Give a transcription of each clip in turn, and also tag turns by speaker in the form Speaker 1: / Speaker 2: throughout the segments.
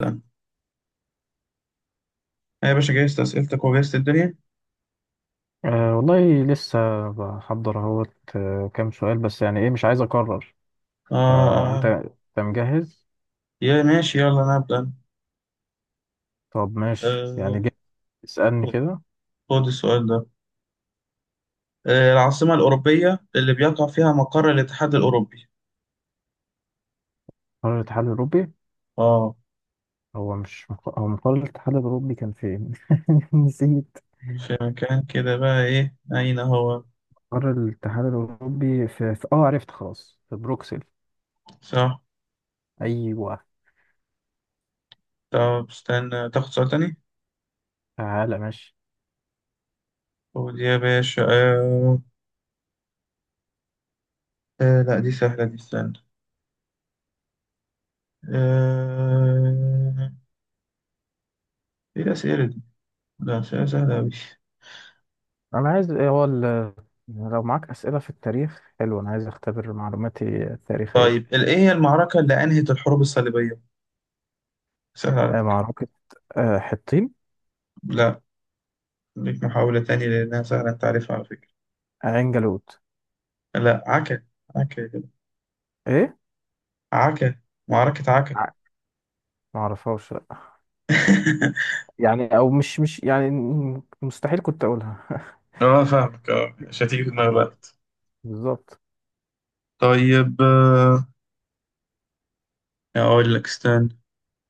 Speaker 1: أبدأ. أنا يا باشا جهزت أسئلتك وجهزت الدنيا.
Speaker 2: أه والله لسه بحضر اهوت، كام سؤال بس، يعني ايه مش عايز اكرر.
Speaker 1: آه،
Speaker 2: فانت
Speaker 1: آه.
Speaker 2: انت مجهز؟
Speaker 1: يا ماشي، يلا أنا أبدأ.
Speaker 2: طب ماشي،
Speaker 1: آه.
Speaker 2: يعني جه، اسألني
Speaker 1: خد،
Speaker 2: كده.
Speaker 1: خد السؤال ده. آه، العاصمة الأوروبية اللي بيقع فيها مقر الاتحاد الأوروبي؟
Speaker 2: قرار الاتحاد الاوروبي.
Speaker 1: آه.
Speaker 2: هو مش مق- هو قرار الاتحاد الاوروبي كان فين؟ نسيت.
Speaker 1: في مكان كده بقى، إيه، أين هو؟
Speaker 2: قرار الاتحاد الاوروبي في عرفت، خلاص، في بروكسل.
Speaker 1: صح.
Speaker 2: ايوه.
Speaker 1: طب استنى تاخد سؤال تاني.
Speaker 2: تعالى، ماشي.
Speaker 1: خد يا باشا. آه. آه، لا دي سهلة دي، استنى. آه. إيه الأسئلة دي؟ لا، أسئلة سهلة أوي.
Speaker 2: انا عايز، لو معاك اسئله في التاريخ حلو، انا عايز اختبر معلوماتي التاريخيه.
Speaker 1: طيب، إيه هي المعركة اللي أنهت الحروب الصليبية؟ سهلة على فكرة.
Speaker 2: معركه، حطين.
Speaker 1: لا. ليك محاولة تانية، لأنها سهلة، أنت عارفها على فكرة.
Speaker 2: عين جالوت.
Speaker 1: لا، عكا. عكا يا جدع.
Speaker 2: ايه؟
Speaker 1: عكا. معركة عكا.
Speaker 2: ع- ما اعرفهاش لأ. يعني، او مش يعني مستحيل كنت اقولها.
Speaker 1: اه، فاهمك، اه، مش هتيجي في دماغي الوقت.
Speaker 2: بالظبط.
Speaker 1: طيب، أقول لك استنى.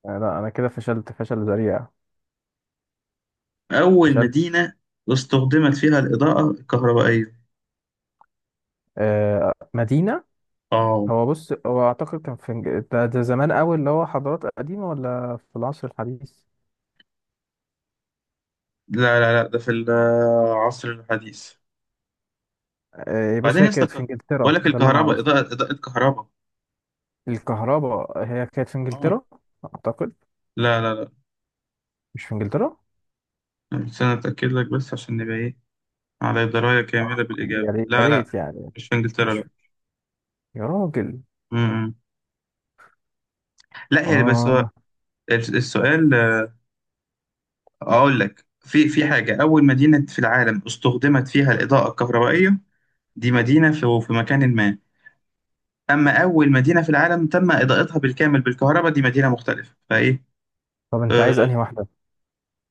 Speaker 2: لا انا كده فشلت فشل ذريع،
Speaker 1: أول
Speaker 2: فشلت.
Speaker 1: مدينة استخدمت فيها الإضاءة الكهربائية؟
Speaker 2: مدينة.
Speaker 1: اه.
Speaker 2: هو بص، هو اعتقد كان في ده زمان قوي، اللي هو حضارات قديمة، ولا في العصر الحديث؟
Speaker 1: لا، لا، لا، ده في العصر الحديث.
Speaker 2: بص،
Speaker 1: بعدين يا
Speaker 2: هي كانت في
Speaker 1: اسطى. بقول
Speaker 2: انجلترا،
Speaker 1: لك
Speaker 2: ده اللي انا
Speaker 1: الكهرباء،
Speaker 2: اعرفه.
Speaker 1: إضاءة، إضاءة كهرباء.
Speaker 2: الكهرباء هي كانت في
Speaker 1: اه.
Speaker 2: انجلترا، اعتقد.
Speaker 1: لا، لا، لا.
Speaker 2: مش في انجلترا؟
Speaker 1: استنى أتأكد لك، بس عشان نبقى إيه، على دراية كاملة
Speaker 2: يا
Speaker 1: بالإجابة.
Speaker 2: ريت يا
Speaker 1: لا، لا.
Speaker 2: ريت يعني.
Speaker 1: مش في إنجلترا.
Speaker 2: مش، يا راجل،
Speaker 1: لا، لا، هي، بس هو
Speaker 2: اه.
Speaker 1: السؤال، اقول لك في حاجه، اول مدينه في العالم استخدمت فيها الاضاءه الكهربائيه، دي مدينه في مكان ما. اما اول مدينه في العالم تم اضاءتها بالكامل بالكهرباء، دي مدينه مختلفه، فايه؟
Speaker 2: طب انت
Speaker 1: أه.
Speaker 2: عايز انهي واحدة؟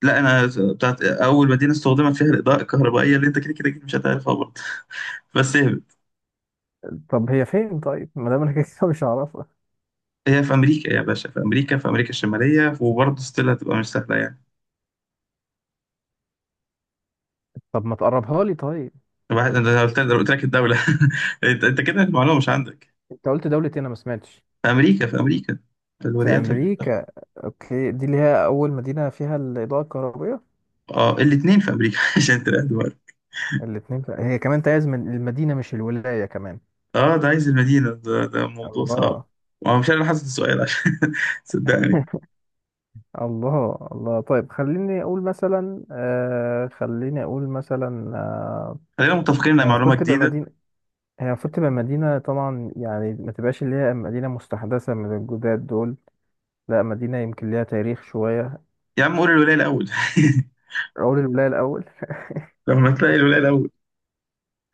Speaker 1: لا، انا، بتاعت اول مدينه استخدمت فيها الاضاءه الكهربائيه، اللي انت كده كده أكيد مش هتعرفها برضه. بس هي،
Speaker 2: طب هي فين؟ طيب، ما دام انا كده كده مش هعرف،
Speaker 1: هي في امريكا يا باشا، في امريكا، في امريكا الشماليه، وبرضه ستيل هتبقى مش سهله يعني.
Speaker 2: طب ما تقربها لي طيب.
Speaker 1: واحد، انا قلت لك الدوله. انت كده المعلومه مش عندك.
Speaker 2: انت قلت دولة ايه؟ انا ما سمعتش.
Speaker 1: في امريكا، في امريكا، في
Speaker 2: في
Speaker 1: الولايات المتحده.
Speaker 2: امريكا. اوكي، دي اللي هي اول مدينة فيها الاضاءة الكهربائية.
Speaker 1: اه، الاثنين في امريكا. عشان تلاقي دول.
Speaker 2: الاتنين في... هي كمان تعز من المدينة مش الولاية كمان.
Speaker 1: اه، ده عايز المدينه، ده موضوع صعب.
Speaker 2: الله.
Speaker 1: وانا مش انا حاسس السؤال، عشان، صدقني.
Speaker 2: الله، الله. طيب خليني اقول مثلا،
Speaker 1: خلينا متفقين انها
Speaker 2: هي
Speaker 1: معلومه
Speaker 2: المفروض تبقى
Speaker 1: جديده.
Speaker 2: مدينة هي المفروض تبقى مدينة طبعا، يعني ما تبقاش اللي هي مدينة مستحدثة من الجداد دول. لا، مدينة يمكن ليها تاريخ شوية.
Speaker 1: يا عم، قول الولايه الاول.
Speaker 2: اقول الولاية الاول.
Speaker 1: لما تلاقي الولايه الاول.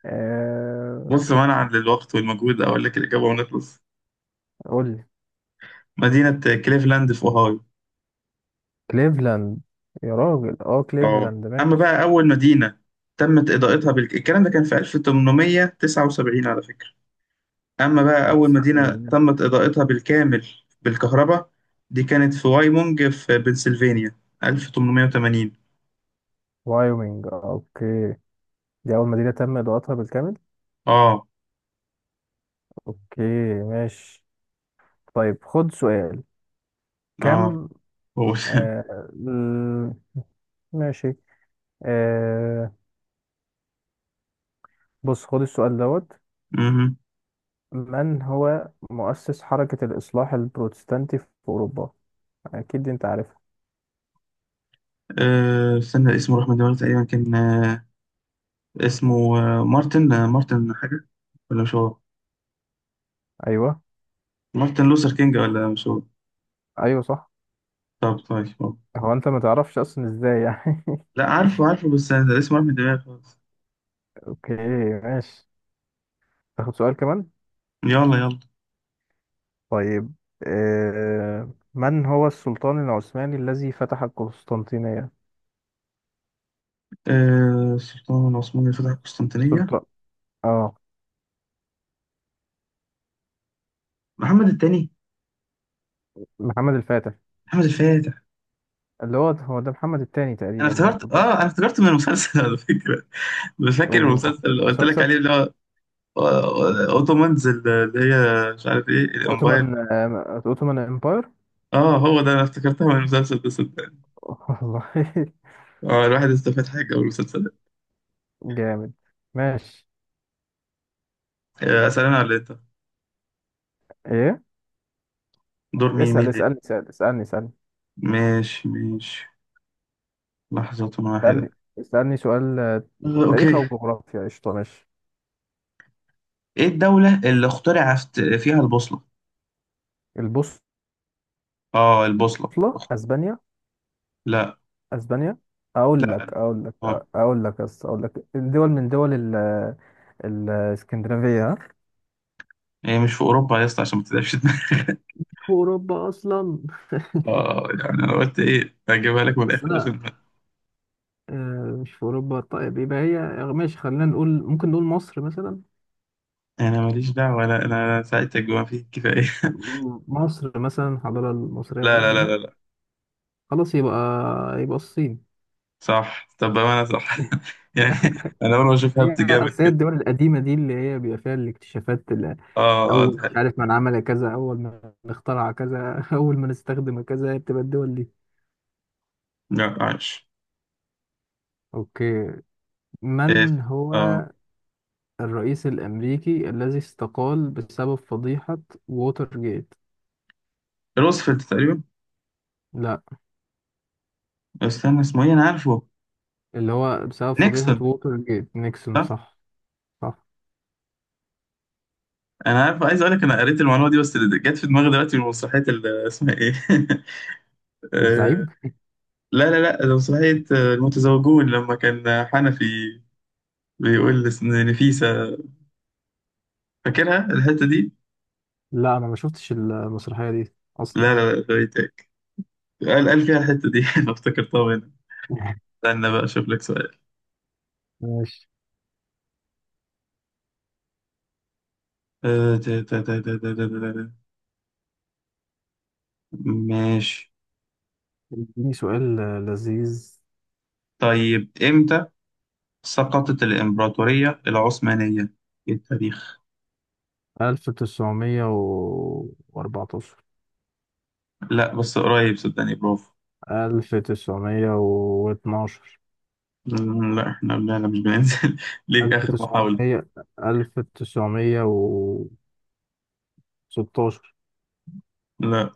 Speaker 2: آه
Speaker 1: بص، منعا للوقت والمجهود، اقول لك الاجابه ونخلص.
Speaker 2: قول لي.
Speaker 1: مدينه كليفلاند في اوهايو.
Speaker 2: كليفلاند. يا راجل، اه،
Speaker 1: اه،
Speaker 2: كليفلاند،
Speaker 1: اما
Speaker 2: ماشي.
Speaker 1: بقى اول مدينه تمت اضاءتها الكلام ده كان في 1879 على فكره. أما بقى أول
Speaker 2: بس
Speaker 1: مدينة تمت إضاءتها بالكامل بالكهرباء، دي كانت في وايمونج في بنسلفانيا، 1880.
Speaker 2: وايومينج، اوكي. دي أول مدينة تم إضاءتها بالكامل.
Speaker 1: آه.
Speaker 2: اوكي، ماشي. طيب، خد سؤال.
Speaker 1: آه
Speaker 2: كم
Speaker 1: قول.
Speaker 2: آه ال- ماشي. آه بص خد السؤال دوت.
Speaker 1: مهم.
Speaker 2: من هو مؤسس حركة الإصلاح البروتستانتي في أوروبا؟ أكيد أنت عارفها.
Speaker 1: آه، استنى، اسمه راح من دماغي تقريبا، كان، اسمه، مارتن حاجة. ولا مش هو؟
Speaker 2: أيوه.
Speaker 1: مارتن لوثر كينج، ولا مش هو؟
Speaker 2: أيوه صح.
Speaker 1: طب، طيب، طب.
Speaker 2: هو أنت ما تعرفش أصلا إزاي يعني؟
Speaker 1: لا، عارفه عارفه، بس أنا اسمه راح من دماغي خالص.
Speaker 2: اوكي، ماشي. تاخد سؤال كمان؟
Speaker 1: يلا، يلا.
Speaker 2: طيب، من هو السلطان العثماني الذي فتح القسطنطينية؟
Speaker 1: آه، السلطان العثماني اللي فتح القسطنطينية؟
Speaker 2: السلطان، اه،
Speaker 1: محمد الثاني.
Speaker 2: محمد الفاتح.
Speaker 1: محمد الفاتح.
Speaker 2: اللي هو هو ده محمد الثاني
Speaker 1: انا
Speaker 2: تقريبا
Speaker 1: افتكرت
Speaker 2: برضه.
Speaker 1: اه انا افتكرت من المسلسل، على فكره. مش فاكر
Speaker 2: والله،
Speaker 1: المسلسل اللي قلت لك
Speaker 2: مسلسل
Speaker 1: عليه، اللي هو آه، اوتومانز، اللي هي مش عارف ايه،
Speaker 2: اوتومان،
Speaker 1: الامباير.
Speaker 2: اوتومان امباير.
Speaker 1: اه، هو ده، انا افتكرتها من المسلسل ده، صدقني.
Speaker 2: والله.
Speaker 1: اه، الواحد استفاد حاجه من المسلسل ده.
Speaker 2: جامد. ماشي.
Speaker 1: آه، اسال انا ولا انت؟
Speaker 2: ايه؟
Speaker 1: دور مين
Speaker 2: اسأل
Speaker 1: اللي،
Speaker 2: اسألني اسأل اسألني اسألني
Speaker 1: ماشي، ماشي، لحظة واحدة.
Speaker 2: اسألني اسألني سؤال.
Speaker 1: آه، اوكي.
Speaker 2: تاريخ او جغرافيا، قشطة، ماشي.
Speaker 1: ايه الدولة اللي اخترع فيها البوصلة؟
Speaker 2: البوصلة.
Speaker 1: اه، البوصلة.
Speaker 2: اسبانيا.
Speaker 1: لا،
Speaker 2: اسبانيا. اقول لك
Speaker 1: لا،
Speaker 2: اقول لك
Speaker 1: اه،
Speaker 2: اقول لك الدول من دول الاسكندنافيه، ها؟
Speaker 1: هي مش في اوروبا يا اسطى، عشان ما تتعبش دماغك.
Speaker 2: في اوروبا اصلا؟
Speaker 1: اه يعني، انا قلت ايه، اجيبها لك من
Speaker 2: بس
Speaker 1: الاخر
Speaker 2: انا،
Speaker 1: عشان
Speaker 2: مش في اوروبا؟ طيب يبقى هي، ماشي. خلينا نقول، ممكن نقول مصر مثلا.
Speaker 1: انا ماليش دعوه، ولا انا ساعدتك بما فيه الكفايه.
Speaker 2: مصر مثلا، الحضاره المصريه
Speaker 1: لا، لا، لا،
Speaker 2: القديمه.
Speaker 1: لا، لا.
Speaker 2: خلاص، يبقى، يبقى الصين.
Speaker 1: صح، طب بامانه، صح. يعني، انا اول ما اشوف
Speaker 2: هي
Speaker 1: هبت جامد
Speaker 2: أصل، هي
Speaker 1: كده.
Speaker 2: الدول القديمه دي اللي هي بيبقى فيها الاكتشافات،
Speaker 1: اه، اه، ده
Speaker 2: اول، مش
Speaker 1: حقيقي.
Speaker 2: عارف من عمل كذا، اول من اخترع كذا، اول من استخدم كذا، بتبقى الدول دي.
Speaker 1: لا، عايش.
Speaker 2: اوكي.
Speaker 1: إيه،
Speaker 2: من هو
Speaker 1: اه.
Speaker 2: الرئيس الأمريكي الذي استقال بسبب فضيحة ووتر جيت؟
Speaker 1: روزفلت تقريبا.
Speaker 2: لا،
Speaker 1: استنى، اسمه ايه، انا عارفه.
Speaker 2: اللي هو بسبب فضيحة
Speaker 1: نيكسون،
Speaker 2: ووتر جيت نيكسون،
Speaker 1: صح.
Speaker 2: صح؟ صح.
Speaker 1: انا عارف، عايز اقول لك، انا قريت المعلومه دي، بس اللي جت في دماغي دلوقتي من مسرحيه، اسمها ايه. آه،
Speaker 2: الزعيم؟
Speaker 1: لا، لا، لا، ده مسرحيه، المتزوجون، لما كان حنفي بيقول لنفيسة. فاكرها الحتة دي؟
Speaker 2: لا أنا ما شفتش المسرحية دي أصلا.
Speaker 1: لا، لا، لا، فايتك. قال فيها الحتة دي. أنا افتكرتها هنا. استنى بقى أشوف لك سؤال.
Speaker 2: ماشي.
Speaker 1: تا- تا- تا- تا- تا- تا- تا- تا. ماشي.
Speaker 2: اديني سؤال لذيذ.
Speaker 1: طيب، إمتى سقطت الإمبراطورية العثمانية في التاريخ؟
Speaker 2: 1914.
Speaker 1: لا، بس قريب، صدقني، برافو.
Speaker 2: 1912.
Speaker 1: لا، احنا، لا، لا، مش بننزل. ليك آخر محاولة.
Speaker 2: 1900. 1916.
Speaker 1: لا.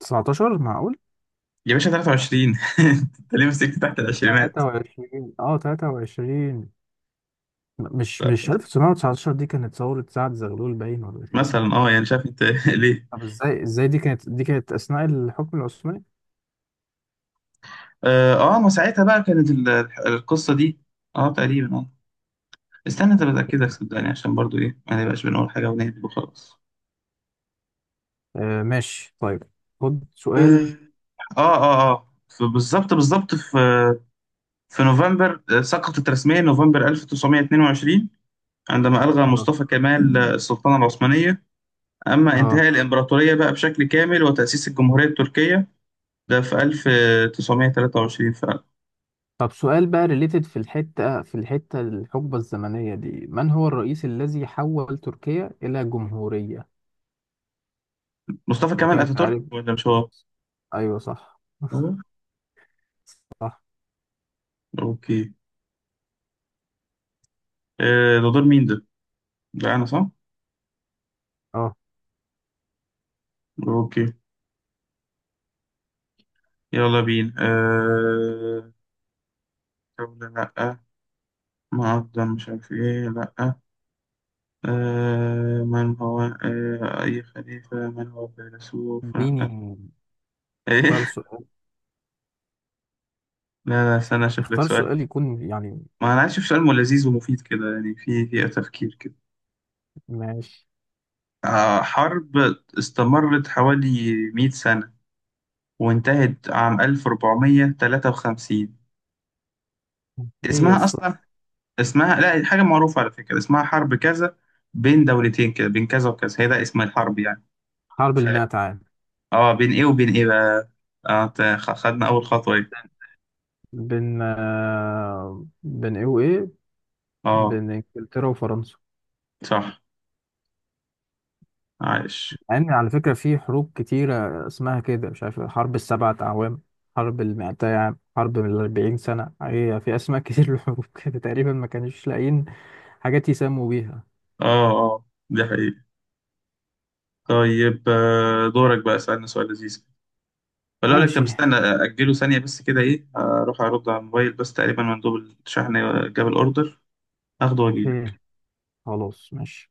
Speaker 2: 19، معقول؟
Speaker 1: يا باشا، 23. انت ليه مسكت تحت العشرينات؟
Speaker 2: 23، اه، 23. مش
Speaker 1: لا،
Speaker 2: مش 1919 دي كانت ثورة سعد زغلول باين، ولا كان اسمها
Speaker 1: مثلا،
Speaker 2: ايه؟
Speaker 1: يعني شايف انت، ليه؟
Speaker 2: طب ازاي، دي كانت أثناء الحكم العثماني؟
Speaker 1: اه. آه، ما ساعتها بقى كانت القصه دي. اه، تقريبا، استنى، طب اتاكدك،
Speaker 2: أوكي.
Speaker 1: صدقني عشان برضو، ايه، ما نبقاش بنقول حاجه ونهبد وخلاص.
Speaker 2: آه، ماشي. طيب، خد سؤال.
Speaker 1: اه، اه، اه، بالظبط بالظبط في نوفمبر، سقطت رسميا نوفمبر 1922، عندما ألغى
Speaker 2: اه،
Speaker 1: مصطفى كمال السلطنة العثمانية. أما
Speaker 2: اه.
Speaker 1: انتهاء الإمبراطورية بقى بشكل كامل وتأسيس الجمهورية التركية، ده في 1923 فعلا.
Speaker 2: طب سؤال بقى ريليتد في الحتة، الحقبة الزمنية دي، من هو الرئيس الذي حول تركيا إلى جمهورية؟
Speaker 1: مصطفى كمال
Speaker 2: تركيا أنت
Speaker 1: أتاتورك،
Speaker 2: عارف.
Speaker 1: ولا مش هو؟
Speaker 2: أيوه صح.
Speaker 1: هو؟
Speaker 2: صح.
Speaker 1: أوكي. آه، ده دور مين ده؟ لا، أنا، صح؟
Speaker 2: اه،
Speaker 1: أوكي. يلا بينا دولة، لأ. معظم مش عارف إيه، لأ، أه... آه، أي خليفة، من هو فيلسوف لأ،
Speaker 2: اديني. اختار
Speaker 1: إيه.
Speaker 2: سؤال.
Speaker 1: لا، لا، استنى أشوف لك
Speaker 2: اختار
Speaker 1: سؤال.
Speaker 2: سؤال يكون يعني.
Speaker 1: ما أنا عايز أشوف سؤال لذيذ ومفيد كده، يعني في تفكير كده.
Speaker 2: ماشي.
Speaker 1: آه، حرب استمرت حوالي 100 سنة، وانتهت عام 1453.
Speaker 2: ايه يا
Speaker 1: اسمها
Speaker 2: اسطى؟
Speaker 1: أصلا، اسمها لا حاجة معروفة على فكرة، اسمها حرب كذا، بين دولتين كده، بين كذا وكذا، هي ده اسم الحرب يعني.
Speaker 2: حرب
Speaker 1: ف...
Speaker 2: المئة عام.
Speaker 1: اه، بين ايه وبين ايه بقى. اه، خدنا أول خطوة، ايه.
Speaker 2: بين، بين ايه وايه؟
Speaker 1: اه.
Speaker 2: بين انجلترا وفرنسا.
Speaker 1: صح. عايش.
Speaker 2: يعني على فكرة في حروب كتيرة اسمها كده، مش عارف، حرب السبعة أعوام، حرب المائتي عام، حرب من الأربعين سنة، هي في أسماء كتير للحروب، كده تقريبا ما كانوش لاقيين حاجات يسموا بيها.
Speaker 1: اه، اه، دي حقيقة. طيب، آه، دورك بقى، اسألنا سؤال لذيذ. ولا أقول لك، طب
Speaker 2: ماشي.
Speaker 1: استنى أجله ثانية بس كده، إيه، أروح أرد على الموبايل، بس تقريبا مندوب الشحن جاب الأوردر، أخده وأجيلك.
Speaker 2: اوكي، خلاص، ماشي.